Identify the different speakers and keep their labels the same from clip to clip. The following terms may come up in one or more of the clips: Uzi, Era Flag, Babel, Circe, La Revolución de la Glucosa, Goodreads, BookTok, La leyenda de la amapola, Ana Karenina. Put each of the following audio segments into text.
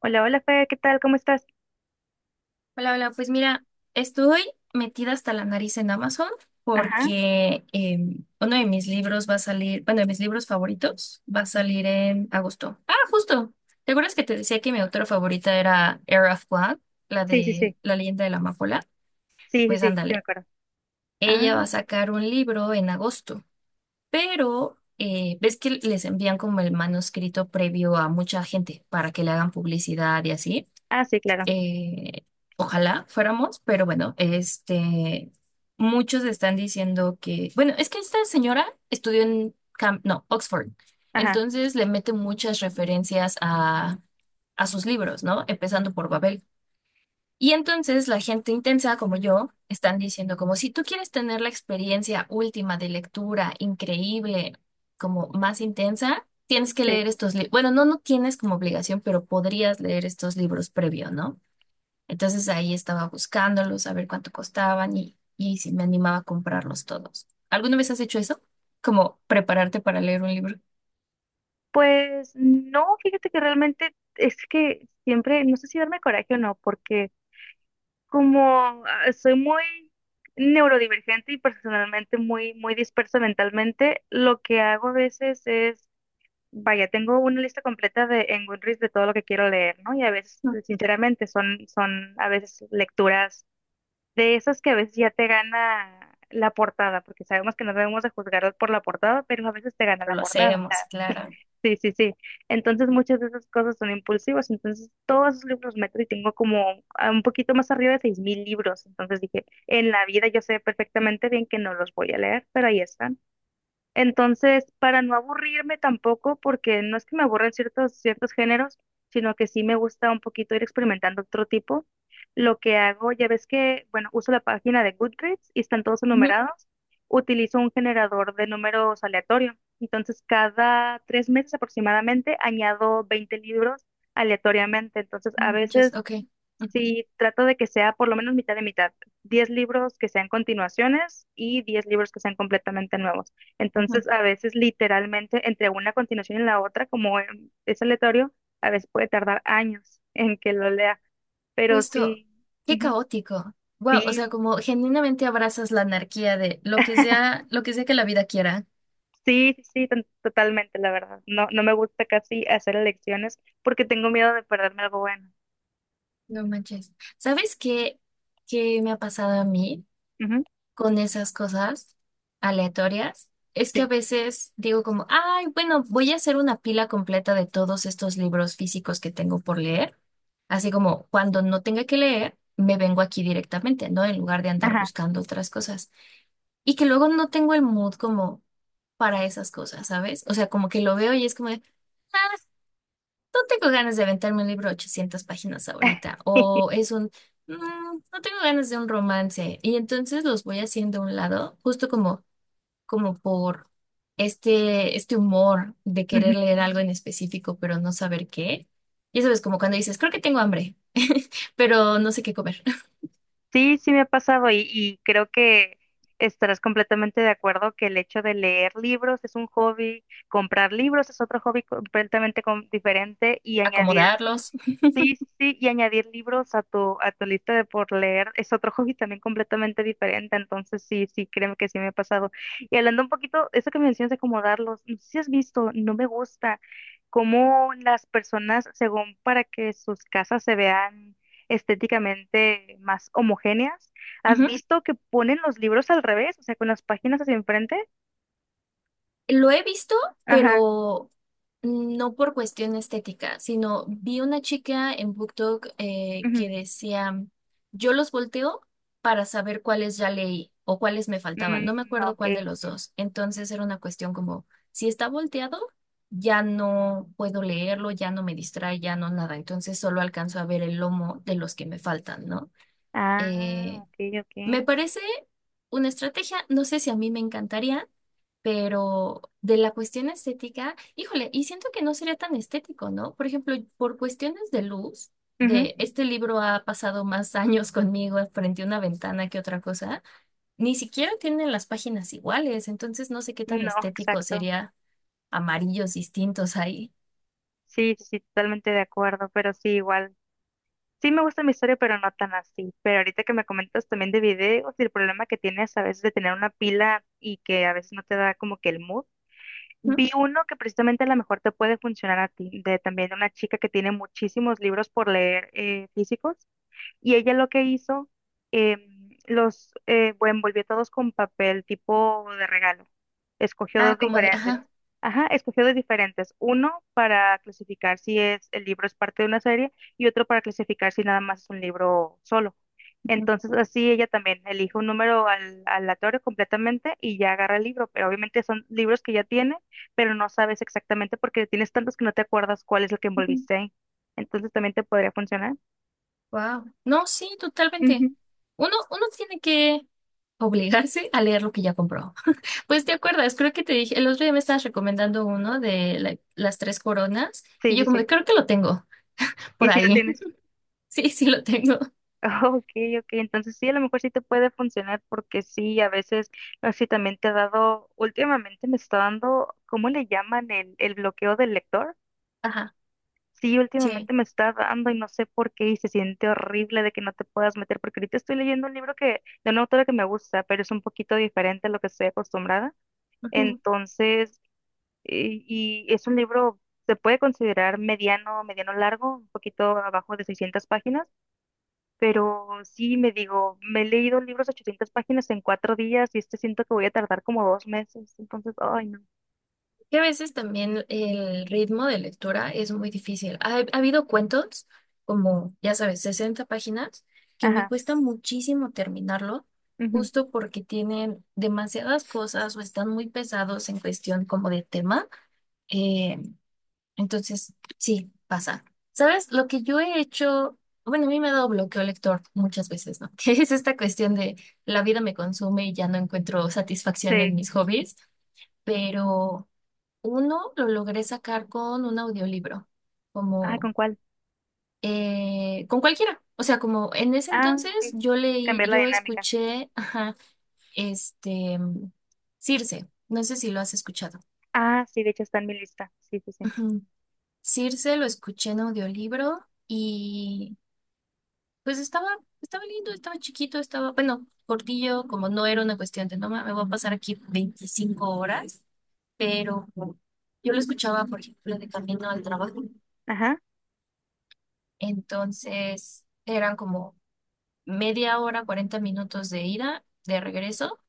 Speaker 1: Hola, hola, Fer, ¿qué tal? ¿Cómo estás?
Speaker 2: Hola, hola, pues mira, estoy metida hasta la nariz en Amazon
Speaker 1: Ajá,
Speaker 2: porque uno de mis libros va a salir, bueno, de mis libros favoritos va a salir en agosto. Ah, justo. ¿Te acuerdas que te decía que mi autora favorita era Era Flag, la
Speaker 1: sí, sí,
Speaker 2: de
Speaker 1: sí,
Speaker 2: La leyenda de la amapola?
Speaker 1: sí, sí,
Speaker 2: Pues
Speaker 1: sí, sí, me
Speaker 2: ándale,
Speaker 1: acuerdo. Ah,
Speaker 2: ella va a sacar un libro en agosto, pero ves que les envían como el manuscrito previo a mucha gente para que le hagan publicidad y así.
Speaker 1: ah, sí, claro.
Speaker 2: Eh, ojalá fuéramos, pero bueno, muchos están diciendo que, bueno, es que esta señora no, Oxford,
Speaker 1: Ajá,
Speaker 2: entonces le mete muchas referencias a sus libros, ¿no? Empezando por Babel. Y entonces la gente intensa como yo están diciendo como si tú quieres tener la experiencia última de lectura increíble, como más intensa, tienes que
Speaker 1: sí.
Speaker 2: leer estos libros. Bueno, no, no tienes como obligación, pero podrías leer estos libros previo, ¿no? Entonces ahí estaba buscándolos, a ver cuánto costaban y si me animaba a comprarlos todos. ¿Alguna vez has hecho eso? Como prepararte para leer un libro.
Speaker 1: Pues no, fíjate que realmente es que siempre, no sé si darme coraje o no, porque como soy muy neurodivergente y personalmente muy, muy dispersa mentalmente, lo que hago a veces es, vaya, tengo una lista completa de en Goodreads de todo lo que quiero leer, ¿no? Y a veces,
Speaker 2: No.
Speaker 1: sinceramente, son a veces lecturas de esas que a veces ya te gana la portada, porque sabemos que no debemos de juzgarlos por la portada, pero a veces te gana
Speaker 2: Pero
Speaker 1: la
Speaker 2: lo
Speaker 1: portada.
Speaker 2: hacemos, claro.
Speaker 1: Sí, sí, sí. Entonces muchas de esas cosas son impulsivas. Entonces todos esos libros meto y tengo como a un poquito más arriba de 6,000 libros. Entonces dije, en la vida yo sé perfectamente bien que no los voy a leer, pero ahí están. Entonces, para no aburrirme tampoco, porque no es que me aburren ciertos géneros, sino que sí me gusta un poquito ir experimentando otro tipo, lo que hago, ya ves que, bueno, uso la página de Goodreads y están todos
Speaker 2: Ujú.
Speaker 1: enumerados, utilizo un generador de números aleatorio. Entonces, cada 3 meses aproximadamente añado 20 libros aleatoriamente. Entonces, a
Speaker 2: Muchas,
Speaker 1: veces
Speaker 2: ok. Ujú,
Speaker 1: sí, trato de que sea por lo menos mitad de mitad. 10 libros que sean continuaciones y 10 libros que sean completamente nuevos.
Speaker 2: ujú.
Speaker 1: Entonces, a veces literalmente entre una continuación y la otra, como es aleatorio, a veces puede tardar años en que lo lea. Pero
Speaker 2: Justo,
Speaker 1: sí,
Speaker 2: qué
Speaker 1: ujú,
Speaker 2: caótico. Wow, o sea,
Speaker 1: sí,
Speaker 2: como genuinamente abrazas la anarquía de lo que sea que la vida quiera.
Speaker 1: sí, sí, sí, totalmente, la verdad. No, no me gusta casi hacer elecciones porque tengo miedo de perderme algo bueno.
Speaker 2: No manches. ¿Sabes qué, qué me ha pasado a mí?
Speaker 1: Ujú,
Speaker 2: Con esas cosas aleatorias es que a
Speaker 1: sí,
Speaker 2: veces digo como, ay, bueno, voy a hacer una pila completa de todos estos libros físicos que tengo por leer. Así como cuando no tenga que leer, me vengo aquí directamente, ¿no? En lugar de andar
Speaker 1: ajá.
Speaker 2: buscando otras cosas. Y que luego no tengo el mood como para esas cosas, ¿sabes? O sea, como que lo veo y es como de, "Ah, no tengo ganas de aventarme un libro de 800 páginas ahorita, o es un, "Mm, no tengo ganas de un romance, y entonces los voy haciendo a un lado, justo como, como por este humor de querer
Speaker 1: Ujú.
Speaker 2: leer algo en específico, pero no saber qué. Ya sabes, como cuando dices, creo que tengo hambre, pero no sé qué comer.
Speaker 1: Sí, sí me ha pasado y creo que estarás completamente de acuerdo que el hecho de leer libros es un hobby, comprar libros es otro hobby completamente diferente y añadir
Speaker 2: Acomodarlos.
Speaker 1: sí, sí, sí, y añadir libros a tu lista de por leer es otro hobby también completamente diferente, entonces sí, sí, créeme que sí me ha pasado. Y hablando un poquito, eso que mencionas de acomodarlos, no sé si has visto, no me gusta cómo las personas, según para que sus casas se vean estéticamente más homogéneas, ¿has
Speaker 2: Ujú.
Speaker 1: visto que ponen los libros al revés, o sea, con las páginas hacia enfrente?
Speaker 2: Lo he visto,
Speaker 1: Ajá,
Speaker 2: pero no por cuestión estética, sino vi una chica en BookTok
Speaker 1: ujú.
Speaker 2: que decía, yo los volteo para saber cuáles ya leí o cuáles me faltaban. No me
Speaker 1: Mm,
Speaker 2: acuerdo cuál de
Speaker 1: ok.
Speaker 2: los dos. Entonces era una cuestión como, si está volteado, ya no puedo leerlo, ya no me distrae, ya no nada. Entonces solo alcanzo a ver el lomo de los que me faltan, ¿no?
Speaker 1: Ah,
Speaker 2: Eh,
Speaker 1: ok, ok.
Speaker 2: me parece una estrategia, no sé si a mí me encantaría pero de la cuestión estética, híjole, y siento que no sería tan estético, ¿no? Por ejemplo, por cuestiones de luz,
Speaker 1: Ujú.
Speaker 2: de este libro ha pasado más años conmigo frente a una ventana que otra cosa, ni siquiera tienen las páginas iguales, entonces no sé qué tan
Speaker 1: No,
Speaker 2: estético
Speaker 1: exacto.
Speaker 2: sería amarillos distintos ahí.
Speaker 1: Sí, sí, totalmente de acuerdo, pero sí, igual. Sí me gusta mi historia, pero no tan así. Pero ahorita que me comentas también de videos y el problema que tienes a veces de tener una pila y que a veces no te da como que el mood.
Speaker 2: ¿Mm?
Speaker 1: Vi uno que precisamente a lo mejor te puede funcionar a ti, de también una chica que tiene muchísimos libros por leer físicos y ella lo que hizo, los bueno, envolvió todos con papel tipo de regalo. Escogió
Speaker 2: Ah,
Speaker 1: dos
Speaker 2: como de,
Speaker 1: diferentes.
Speaker 2: ajá.
Speaker 1: Ajá, escogió dos diferentes. Uno para clasificar si es el libro es parte de una serie y otro para clasificar si nada más es un libro solo. Entonces así ella también elige un número aleatorio completamente y ya agarra el libro. Pero obviamente son libros que ya tiene, pero no sabes exactamente porque tienes tantos que no te acuerdas cuál es el que envolviste ahí. Entonces también te podría funcionar.
Speaker 2: Wow. No, sí, totalmente.
Speaker 1: Ujú.
Speaker 2: Uno tiene que obligarse a leer lo que ya compró. Pues te acuerdas, creo que te dije, el otro día me estabas recomendando uno de las 3 coronas y
Speaker 1: Sí,
Speaker 2: yo
Speaker 1: sí,
Speaker 2: como de,
Speaker 1: sí.
Speaker 2: creo que lo tengo
Speaker 1: Y
Speaker 2: por
Speaker 1: si la
Speaker 2: ahí.
Speaker 1: tienes.
Speaker 2: Sí, sí lo tengo.
Speaker 1: Ok, ok. Entonces sí, a lo mejor sí te puede funcionar porque sí, a veces, no sé si también te ha dado, últimamente me está dando, ¿cómo le llaman el bloqueo del lector?
Speaker 2: Ajá,
Speaker 1: Sí,
Speaker 2: sí.
Speaker 1: últimamente me está dando y no sé por qué y se siente horrible de que no te puedas meter porque ahorita estoy leyendo un libro que, de una autora que me gusta, pero es un poquito diferente a lo que estoy acostumbrada.
Speaker 2: Ujú.
Speaker 1: Entonces, y es un libro, se puede considerar mediano, mediano largo, un poquito abajo de 600 páginas. Pero sí, me digo, me he leído libros de 800 páginas en 4 días y este siento que voy a tardar como 2 meses. Entonces, ay, no.
Speaker 2: Que a veces también el ritmo de lectura es muy difícil. Ha habido cuentos, como ya sabes, 60 páginas, que me
Speaker 1: Ajá,
Speaker 2: cuesta muchísimo terminarlo,
Speaker 1: ujú,
Speaker 2: justo porque tienen demasiadas cosas o están muy pesados en cuestión como de tema. eh, Entonces, sí, pasa. ¿Sabes? Lo que yo he hecho, bueno, a mí me ha dado bloqueo lector muchas veces, ¿no? Que es esta cuestión de la vida me consume y ya no encuentro satisfacción en
Speaker 1: sí.
Speaker 2: mis hobbies, pero uno lo logré sacar con un audiolibro,
Speaker 1: Ah,
Speaker 2: como
Speaker 1: ¿con cuál?
Speaker 2: con cualquiera. O sea, como en ese
Speaker 1: Ah, ok.
Speaker 2: entonces yo leí,
Speaker 1: Cambiar la
Speaker 2: yo
Speaker 1: dinámica.
Speaker 2: escuché, ajá, este, Circe, no sé si lo has escuchado.
Speaker 1: Ah, sí, de hecho está en mi lista. Sí, sí, sí.
Speaker 2: Ujú. Circe lo escuché en audiolibro. Y pues estaba lindo, estaba chiquito, estaba, bueno, cortillo, como no era una cuestión de, no, me voy a pasar aquí 25 horas, pero yo lo escuchaba, por ejemplo, de camino al trabajo.
Speaker 1: Ajá.
Speaker 2: Entonces, eran como media hora, 40 minutos de ida, de regreso,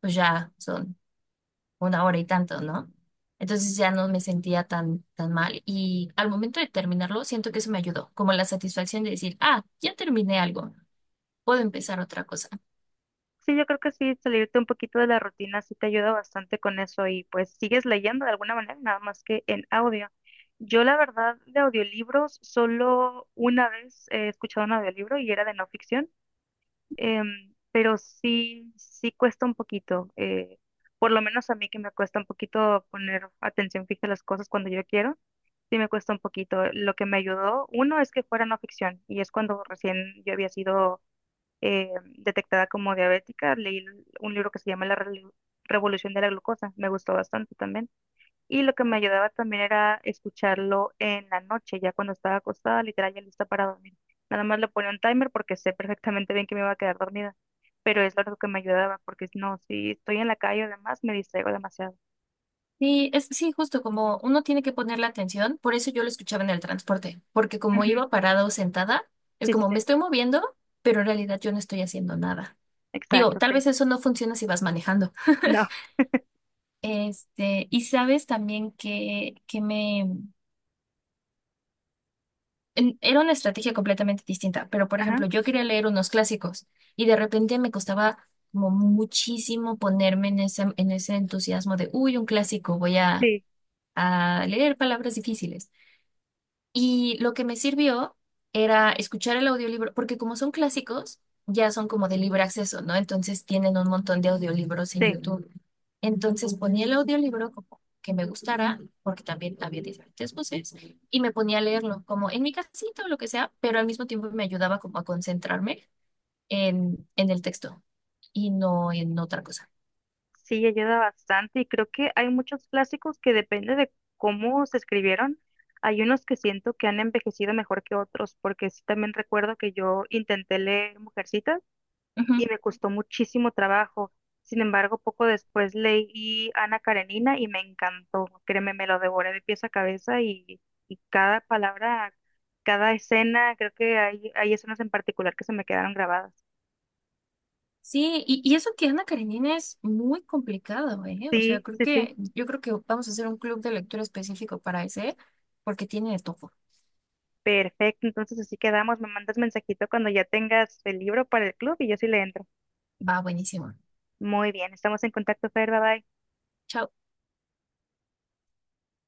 Speaker 2: pues ya son una hora y tanto, ¿no? Entonces ya no me sentía tan, tan mal. Y al momento de terminarlo, siento que eso me ayudó, como la satisfacción de decir, ah, ya terminé algo, puedo empezar otra cosa.
Speaker 1: Sí, yo creo que sí, salirte un poquito de la rutina sí te ayuda bastante con eso y pues sigues leyendo de alguna manera, nada más que en audio. Yo la verdad de audiolibros, solo una vez he escuchado un audiolibro y era de no ficción. Pero sí, sí cuesta un poquito. Por lo menos a mí que me cuesta un poquito poner atención fija a las cosas cuando yo quiero, sí me cuesta un poquito. Lo que me ayudó, uno, es que fuera no ficción, y es cuando recién yo había sido eh, detectada como diabética, leí un libro que se llama Revolución de la Glucosa, me gustó bastante también. Y lo que me ayudaba también era escucharlo en la noche, ya cuando estaba acostada, literal, ya lista para dormir. Nada más le ponía un timer porque sé perfectamente bien que me iba a quedar dormida, pero es lo que me ayudaba, porque no, si estoy en la calle o demás, me distraigo demasiado.
Speaker 2: Sí, es, sí, justo como uno tiene que poner la atención, por eso yo lo escuchaba en el transporte, porque como
Speaker 1: Ujú,
Speaker 2: iba parada o sentada, es
Speaker 1: sí, sí,
Speaker 2: como
Speaker 1: sí,
Speaker 2: me estoy moviendo, pero en realidad yo no estoy haciendo nada. Digo,
Speaker 1: exacto,
Speaker 2: tal
Speaker 1: sí.
Speaker 2: vez eso no funciona si vas manejando.
Speaker 1: No,
Speaker 2: Este, y sabes también que me... Era una estrategia completamente distinta, pero por
Speaker 1: ajá,
Speaker 2: ejemplo, yo quería leer unos clásicos y de repente me costaba como muchísimo ponerme en en ese entusiasmo de, uy, un clásico,
Speaker 1: sí,
Speaker 2: a leer palabras difíciles. Y lo que me sirvió era escuchar el audiolibro, porque como son clásicos, ya son como de libre acceso, ¿no? Entonces tienen un montón de audiolibros en
Speaker 1: sí,
Speaker 2: YouTube. Entonces ponía el audiolibro como que me gustara, porque también había diferentes voces, y me ponía a leerlo como en mi casita o lo que sea, pero al mismo tiempo me ayudaba como a concentrarme en el texto y no en otra cosa.
Speaker 1: sí, ayuda bastante y creo que hay muchos clásicos que depende de cómo se escribieron. Hay unos que siento que han envejecido mejor que otros, porque sí también recuerdo que yo intenté leer Mujercitas y me costó muchísimo trabajo. Sin embargo, poco después leí Ana Karenina y me encantó. Créeme, me lo devoré de pies a cabeza y cada palabra, cada escena, creo que hay escenas en particular que se me quedaron grabadas.
Speaker 2: Sí, y eso que Ana Karenina es muy complicado, ¿eh? O sea,
Speaker 1: Sí,
Speaker 2: creo
Speaker 1: sí, sí.
Speaker 2: que, yo creo que vamos a hacer un club de lectura específico para ese, porque tiene de todo.
Speaker 1: Perfecto, entonces así quedamos. Me mandas mensajito cuando ya tengas el libro para el club y yo sí le entro.
Speaker 2: Va buenísimo.
Speaker 1: Muy bien, estamos en contacto, Fer, bye bye.
Speaker 2: Chao.